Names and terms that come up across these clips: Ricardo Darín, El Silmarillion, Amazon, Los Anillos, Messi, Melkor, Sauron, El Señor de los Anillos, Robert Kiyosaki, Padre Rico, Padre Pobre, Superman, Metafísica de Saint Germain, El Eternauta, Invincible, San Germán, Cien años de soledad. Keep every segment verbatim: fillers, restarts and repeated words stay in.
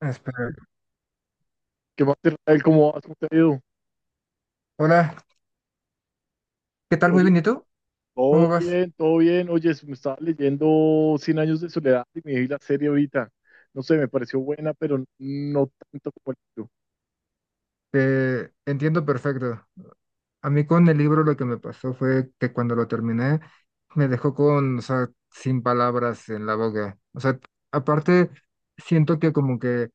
Espera. ¿Qué más, Israel? ¿Cómo vas? ¿Cómo te ha ido? Hola, ¿qué tal? Muy Oye, bien, ¿y tú? todo ¿Cómo vas? bien, todo bien. Oye, me estaba leyendo Cien años de soledad y me vi la serie ahorita. No sé, me pareció buena, pero no tanto como el libro. Te entiendo perfecto. A mí con el libro lo que me pasó fue que cuando lo terminé me dejó con, o sea, sin palabras en la boca. O sea, aparte siento que como que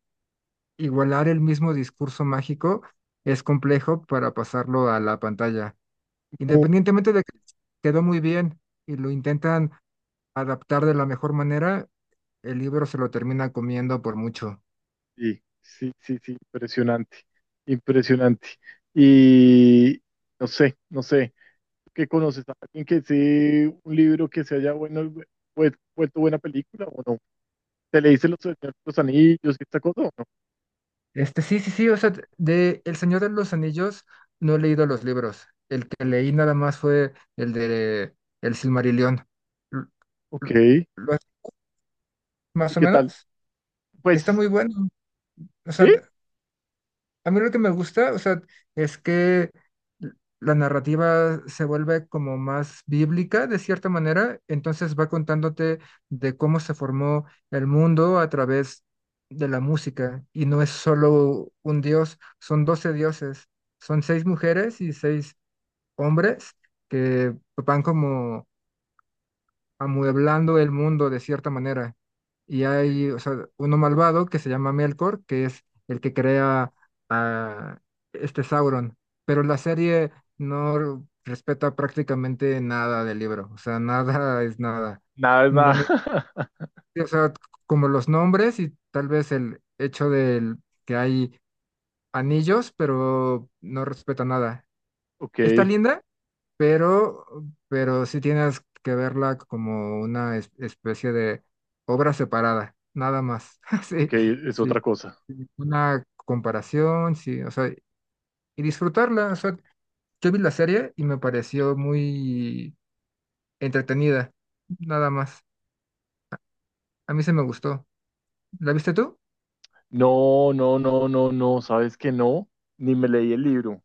igualar el mismo discurso mágico es complejo para pasarlo a la pantalla. Muy, Independientemente de que quedó muy bien y lo intentan adaptar de la mejor manera, el libro se lo termina comiendo por mucho. sí, sí, sí, sí, impresionante, impresionante. Y no sé, no sé, ¿qué conoces? ¿A ¿Alguien que sí, un libro que se haya bueno, vuel- vuelto buena película o no? ¿Te leíste Los, los Anillos y esta cosa o no? Este, sí, sí, sí, o sea, de El Señor de los Anillos no he leído los libros. El que leí nada más fue el de El Silmarillion. L- Ok, l- ¿y ¿Lo has- más o qué tal? menos? Está Pues, muy bueno. O ¿sí? sea, a mí lo que me gusta, o sea, es que la narrativa se vuelve como más bíblica de cierta manera, entonces va contándote de cómo se formó el mundo a través de la música y no es solo un dios, son doce dioses, son seis mujeres y seis hombres que van como amueblando el mundo de cierta manera. Y hay, o sea, uno malvado que se llama Melkor, que es el que crea a este Sauron. Pero la serie no respeta prácticamente nada del libro, o sea, nada es nada. Nada es No- no- nada. o sea, como los nombres y tal vez el hecho del que hay anillos, pero no respeta nada. Ok, Está linda, pero, pero sí tienes que verla como una es- especie de obra separada, nada más. ok, Sí, es sí, otra cosa. sí, una comparación, sí, o sea, y disfrutarla. O sea, yo vi la serie y me pareció muy entretenida, nada más. A mí se me gustó. ¿La viste tú? No, no, no, no, no, sabes que no, ni me leí el libro.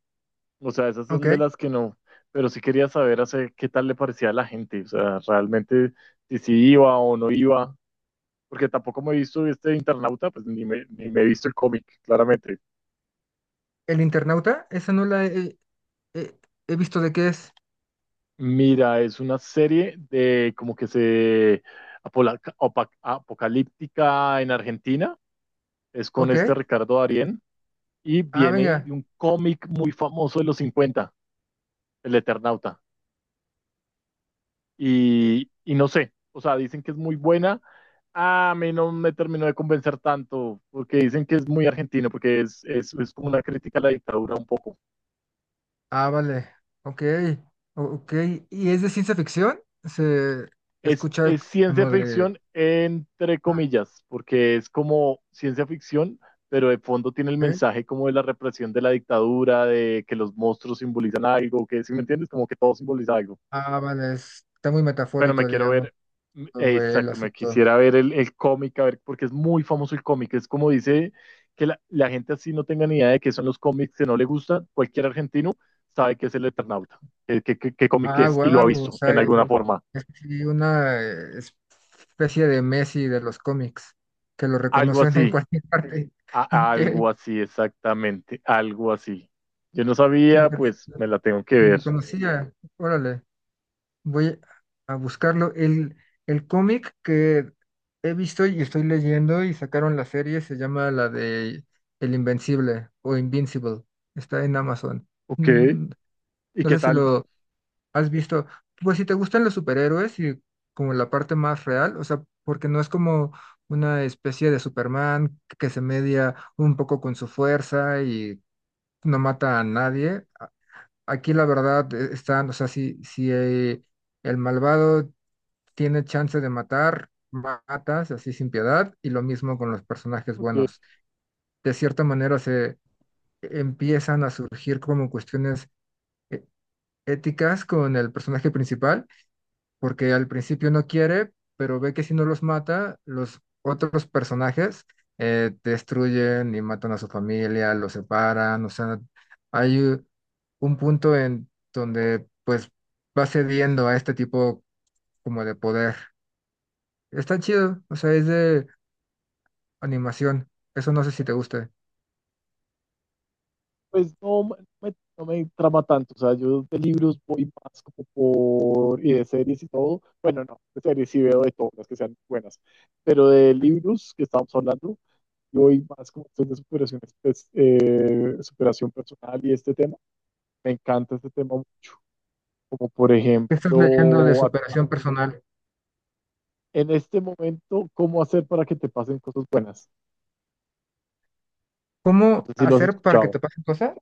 O sea, esas son Ok. de las que no, pero sí quería saber hace, qué tal le parecía a la gente, o sea, realmente si sí iba o no iba, porque tampoco me he visto este Internauta, pues ni me, ni me he visto el cómic, claramente. ¿El internauta? Esa no la he, he- he visto de qué es. Mira, es una serie de como que se apola- opa- apocalíptica en Argentina, es con este Ok. Ricardo Darín. Y Ah, viene venga. de un cómic muy famoso de los cincuenta, El Eternauta. eh, Y, y no sé, o sea, dicen que es muy buena. A mí no me terminó de convencer tanto, porque dicen que es muy argentino, porque es, es, es como una crítica a la dictadura un poco. Ah, vale. Ok. o- Ok. ¿Y es de ciencia ficción? Se Es, escucha es ciencia como de... ficción entre Ah, comillas, porque es como ciencia ficción, pero de fondo tiene el ok. mensaje como de la represión de la dictadura, de que los monstruos simbolizan algo, que si me entiendes, como que todo simboliza algo. Ah, vale. es- Está muy Pero me metafórico, quiero digamos, ver, mm, todo el exacto, me asunto. quisiera ver el, el cómic, a ver, porque es muy famoso el cómic, es como dice que la, la gente así no tenga ni idea de qué son los cómics, que no le gustan, cualquier argentino sabe que es el Eternauta, eh, qué, qué- qué cómic Ah, es, y lo ha guau. O visto sea, en es alguna forma, sí una eh, especie de Messi de los cómics, que lo algo reconocen en así, cualquier parte. Ok. a- Qué algo así, exactamente, algo así. Yo no sabía, interesante. pues me la tengo que Ni ver. lo conocía. Órale. Voy a buscarlo. El, el cómic que he visto y estoy leyendo y sacaron la serie se llama la de El Invencible o Invincible. Está en Amazon. Ok, Mm, ¿y no qué sé si tal? lo has visto. Pues si te gustan los superhéroes y como la parte más real, o sea, porque no es como una especie de Superman que se media un poco con su fuerza y no mata a nadie. A- Aquí la verdad eh, están, o sea, si si hay... El malvado tiene chance de matar, matas así sin piedad, y lo mismo con los personajes Ok. buenos. De cierta manera se empiezan a surgir como cuestiones e- éticas con el personaje principal, porque al principio no quiere, pero ve que si no los mata, los otros personajes eh, destruyen y matan a su familia, los separan, o sea, hay u- un punto en donde pues va cediendo a este tipo como de poder. Está chido, o sea, es de animación. Eso no sé si te gusta. Pues no, no me, no me trama tanto. O sea, yo de libros voy más como por, y de series y todo. Bueno, no, de series sí veo de todas las que sean buenas. Pero de libros que estamos hablando, yo voy más como este de superación, pues, eh, superación personal y este tema. Me encanta este tema mucho. Como por ¿Qué estás leyendo de ejemplo, a- superación personal? en este momento, ¿cómo hacer para que te pasen cosas buenas? No ¿Cómo sé si lo has hacer para que escuchado. te pasen cosas?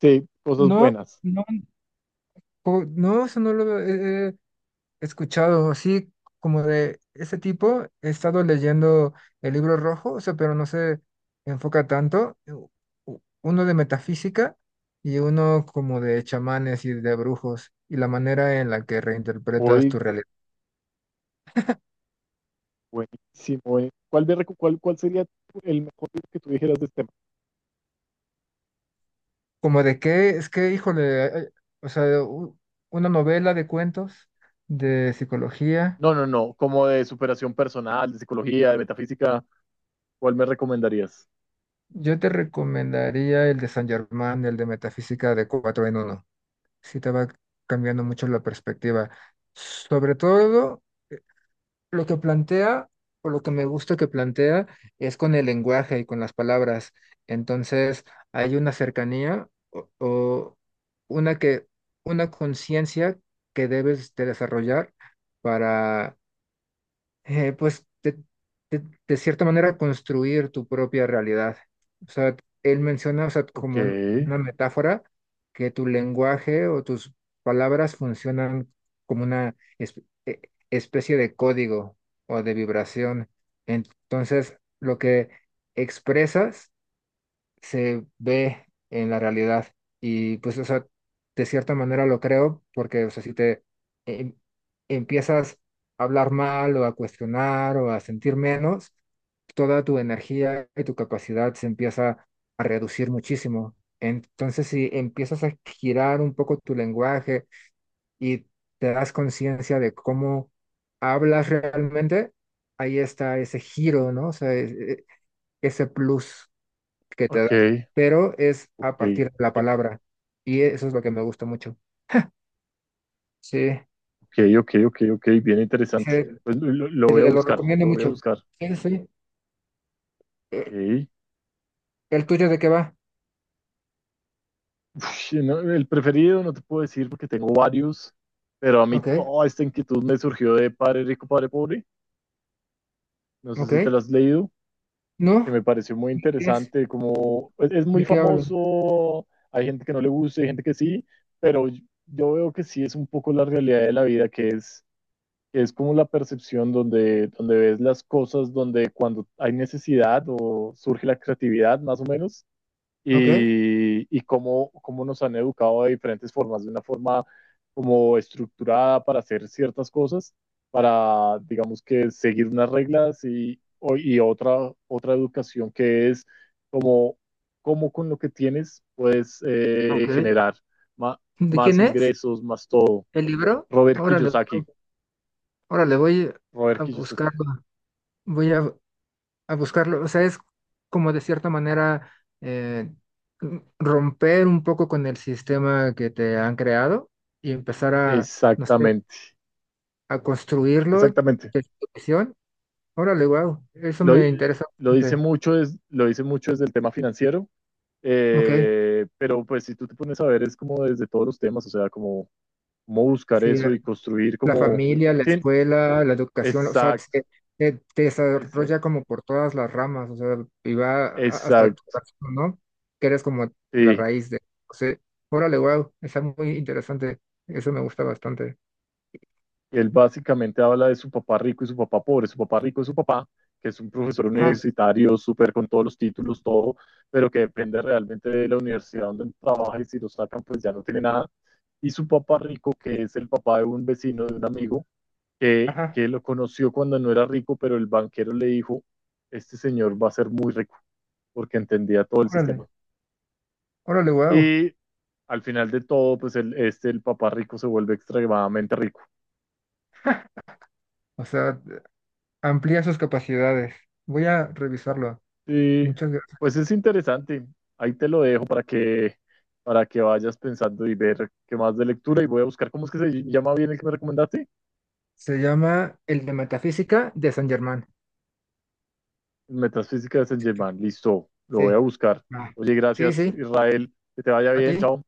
Sí, cosas No, buenas. no, po- no, eso no lo he he escuchado. Así como de ese tipo, he estado leyendo el libro rojo, o sea, pero no se enfoca tanto. U- u- Uno de metafísica y uno como de chamanes y de brujos y la manera en la que reinterpretas Hoy tu realidad. buenísimo, buenísimo. ¿Cuál, de recu- cuál, cuál sería tu- el mejor libro que tú dijeras de este tema? Como de qué, es que, híjole, hay- o sea, u- una novela de cuentos de psicología. No, no, no, como de superación personal, de psicología, de metafísica, ¿cuál me recomendarías? Yo te recomendaría el de San Germán, el de Metafísica de cuatro en uno. Sí te va cambiando mucho la perspectiva. Sobre todo. Lo que plantea, o lo que me gusta que plantea, es con el lenguaje y con las palabras. Entonces, hay una cercanía o, o una que, una conciencia que debes de desarrollar para eh, pues de, de- de cierta manera construir tu propia realidad. O sea, él menciona, o sea, Ok, como un- una metáfora que tu lenguaje o tus palabras funcionan como una es- e- especie de código o de vibración. Entonces, lo que expresas se ve en la realidad. Y pues, o sea, de cierta manera lo creo, porque, o sea, si te em- empiezas a hablar mal o a cuestionar o a sentir menos, toda tu energía y tu capacidad se empieza a reducir muchísimo. Entonces, si empiezas a girar un poco tu lenguaje y te das conciencia de cómo hablas realmente, ahí está ese giro, ¿no? O sea, e- e- ese plus que te da, ok, pero es a ok, partir de la palabra. Y e, eso es lo que me gusta mucho. Sí, ok, ok, ok, ok, bien interesante. sí, Pues lo, lo- lo voy a te lo buscar, recomiendo lo voy a mucho. buscar. Sí, sí. Eh, Ok. ¿el tuyo de qué va? Uf, no, el preferido no te puedo decir porque tengo varios, pero a mí Ok, toda esta inquietud me surgió de Padre Rico, Padre Pobre. No sé ok. si te la has leído. Que ¿No? me pareció muy ¿De qué es? interesante, como es, es muy ¿De qué hablo? famoso, hay gente que no le gusta, hay gente que sí, pero yo yo veo que sí es un poco la realidad de la vida, que es, que es como la percepción donde, donde ves las cosas, donde cuando hay necesidad o surge la creatividad, más o menos, Ok, y, y cómo, cómo nos han educado de diferentes formas, de una forma como estructurada para hacer ciertas cosas, para, digamos que, seguir unas reglas y, o- y otra, otra educación que es como cómo con lo que tienes puedes eh, ok. generar ma- ¿De más quién es? ingresos, más todo. ¿El libro? Robert Órale, Kiyosaki, órale, voy Robert a Kiyosaki, buscarlo. Voy a, a buscarlo. O sea, es como de cierta manera eh, romper un poco con el sistema que te han creado y empezar a, no sé, exactamente, a construirlo exactamente. de tu visión. Órale, wow, eso Lo, di- me interesa lo dice bastante. mucho, es, lo dice mucho desde el tema financiero. Ok, Eh, pero pues si tú te pones a ver es como desde todos los temas, o sea, como, como buscar sí, eso y construir la como... familia, la Sí, escuela, la educación, o sea, exacto, se- eh, te desarrolla exacto, como por todas las ramas, o sea, y va a- hasta tu exacto. corazón, ¿no? Que eres como la Sí. raíz de, o sea, órale, wow, está muy interesante, eso me gusta bastante. Él básicamente habla de su papá rico y su papá pobre. Su papá rico es su papá, que es un profesor Ajá, universitario, súper con todos los títulos, todo, pero que depende realmente de la universidad donde él trabaja y si lo sacan, pues ya no tiene nada. Y su papá rico, que es el papá de un vecino, de un amigo, que, ajá, que lo conoció cuando no era rico, pero el banquero le dijo, este señor va a ser muy rico, porque entendía todo el sistema. órale, órale, wow, Y al final de todo, pues el, este, el papá rico se vuelve extremadamente rico. o sea, amplía sus capacidades. Voy a revisarlo, Y muchas gracias. pues es interesante. Ahí te lo dejo para que, para que vayas pensando y ver qué más de lectura. Y voy a buscar, ¿cómo es que se llama bien el que me recomendaste? Se llama el de Metafísica de San Germán. Metafísica de Saint Germain. Listo, lo Sí, voy a buscar. ah, Oye, sí, gracias sí, Israel. Que te vaya a ti. bien. Chao.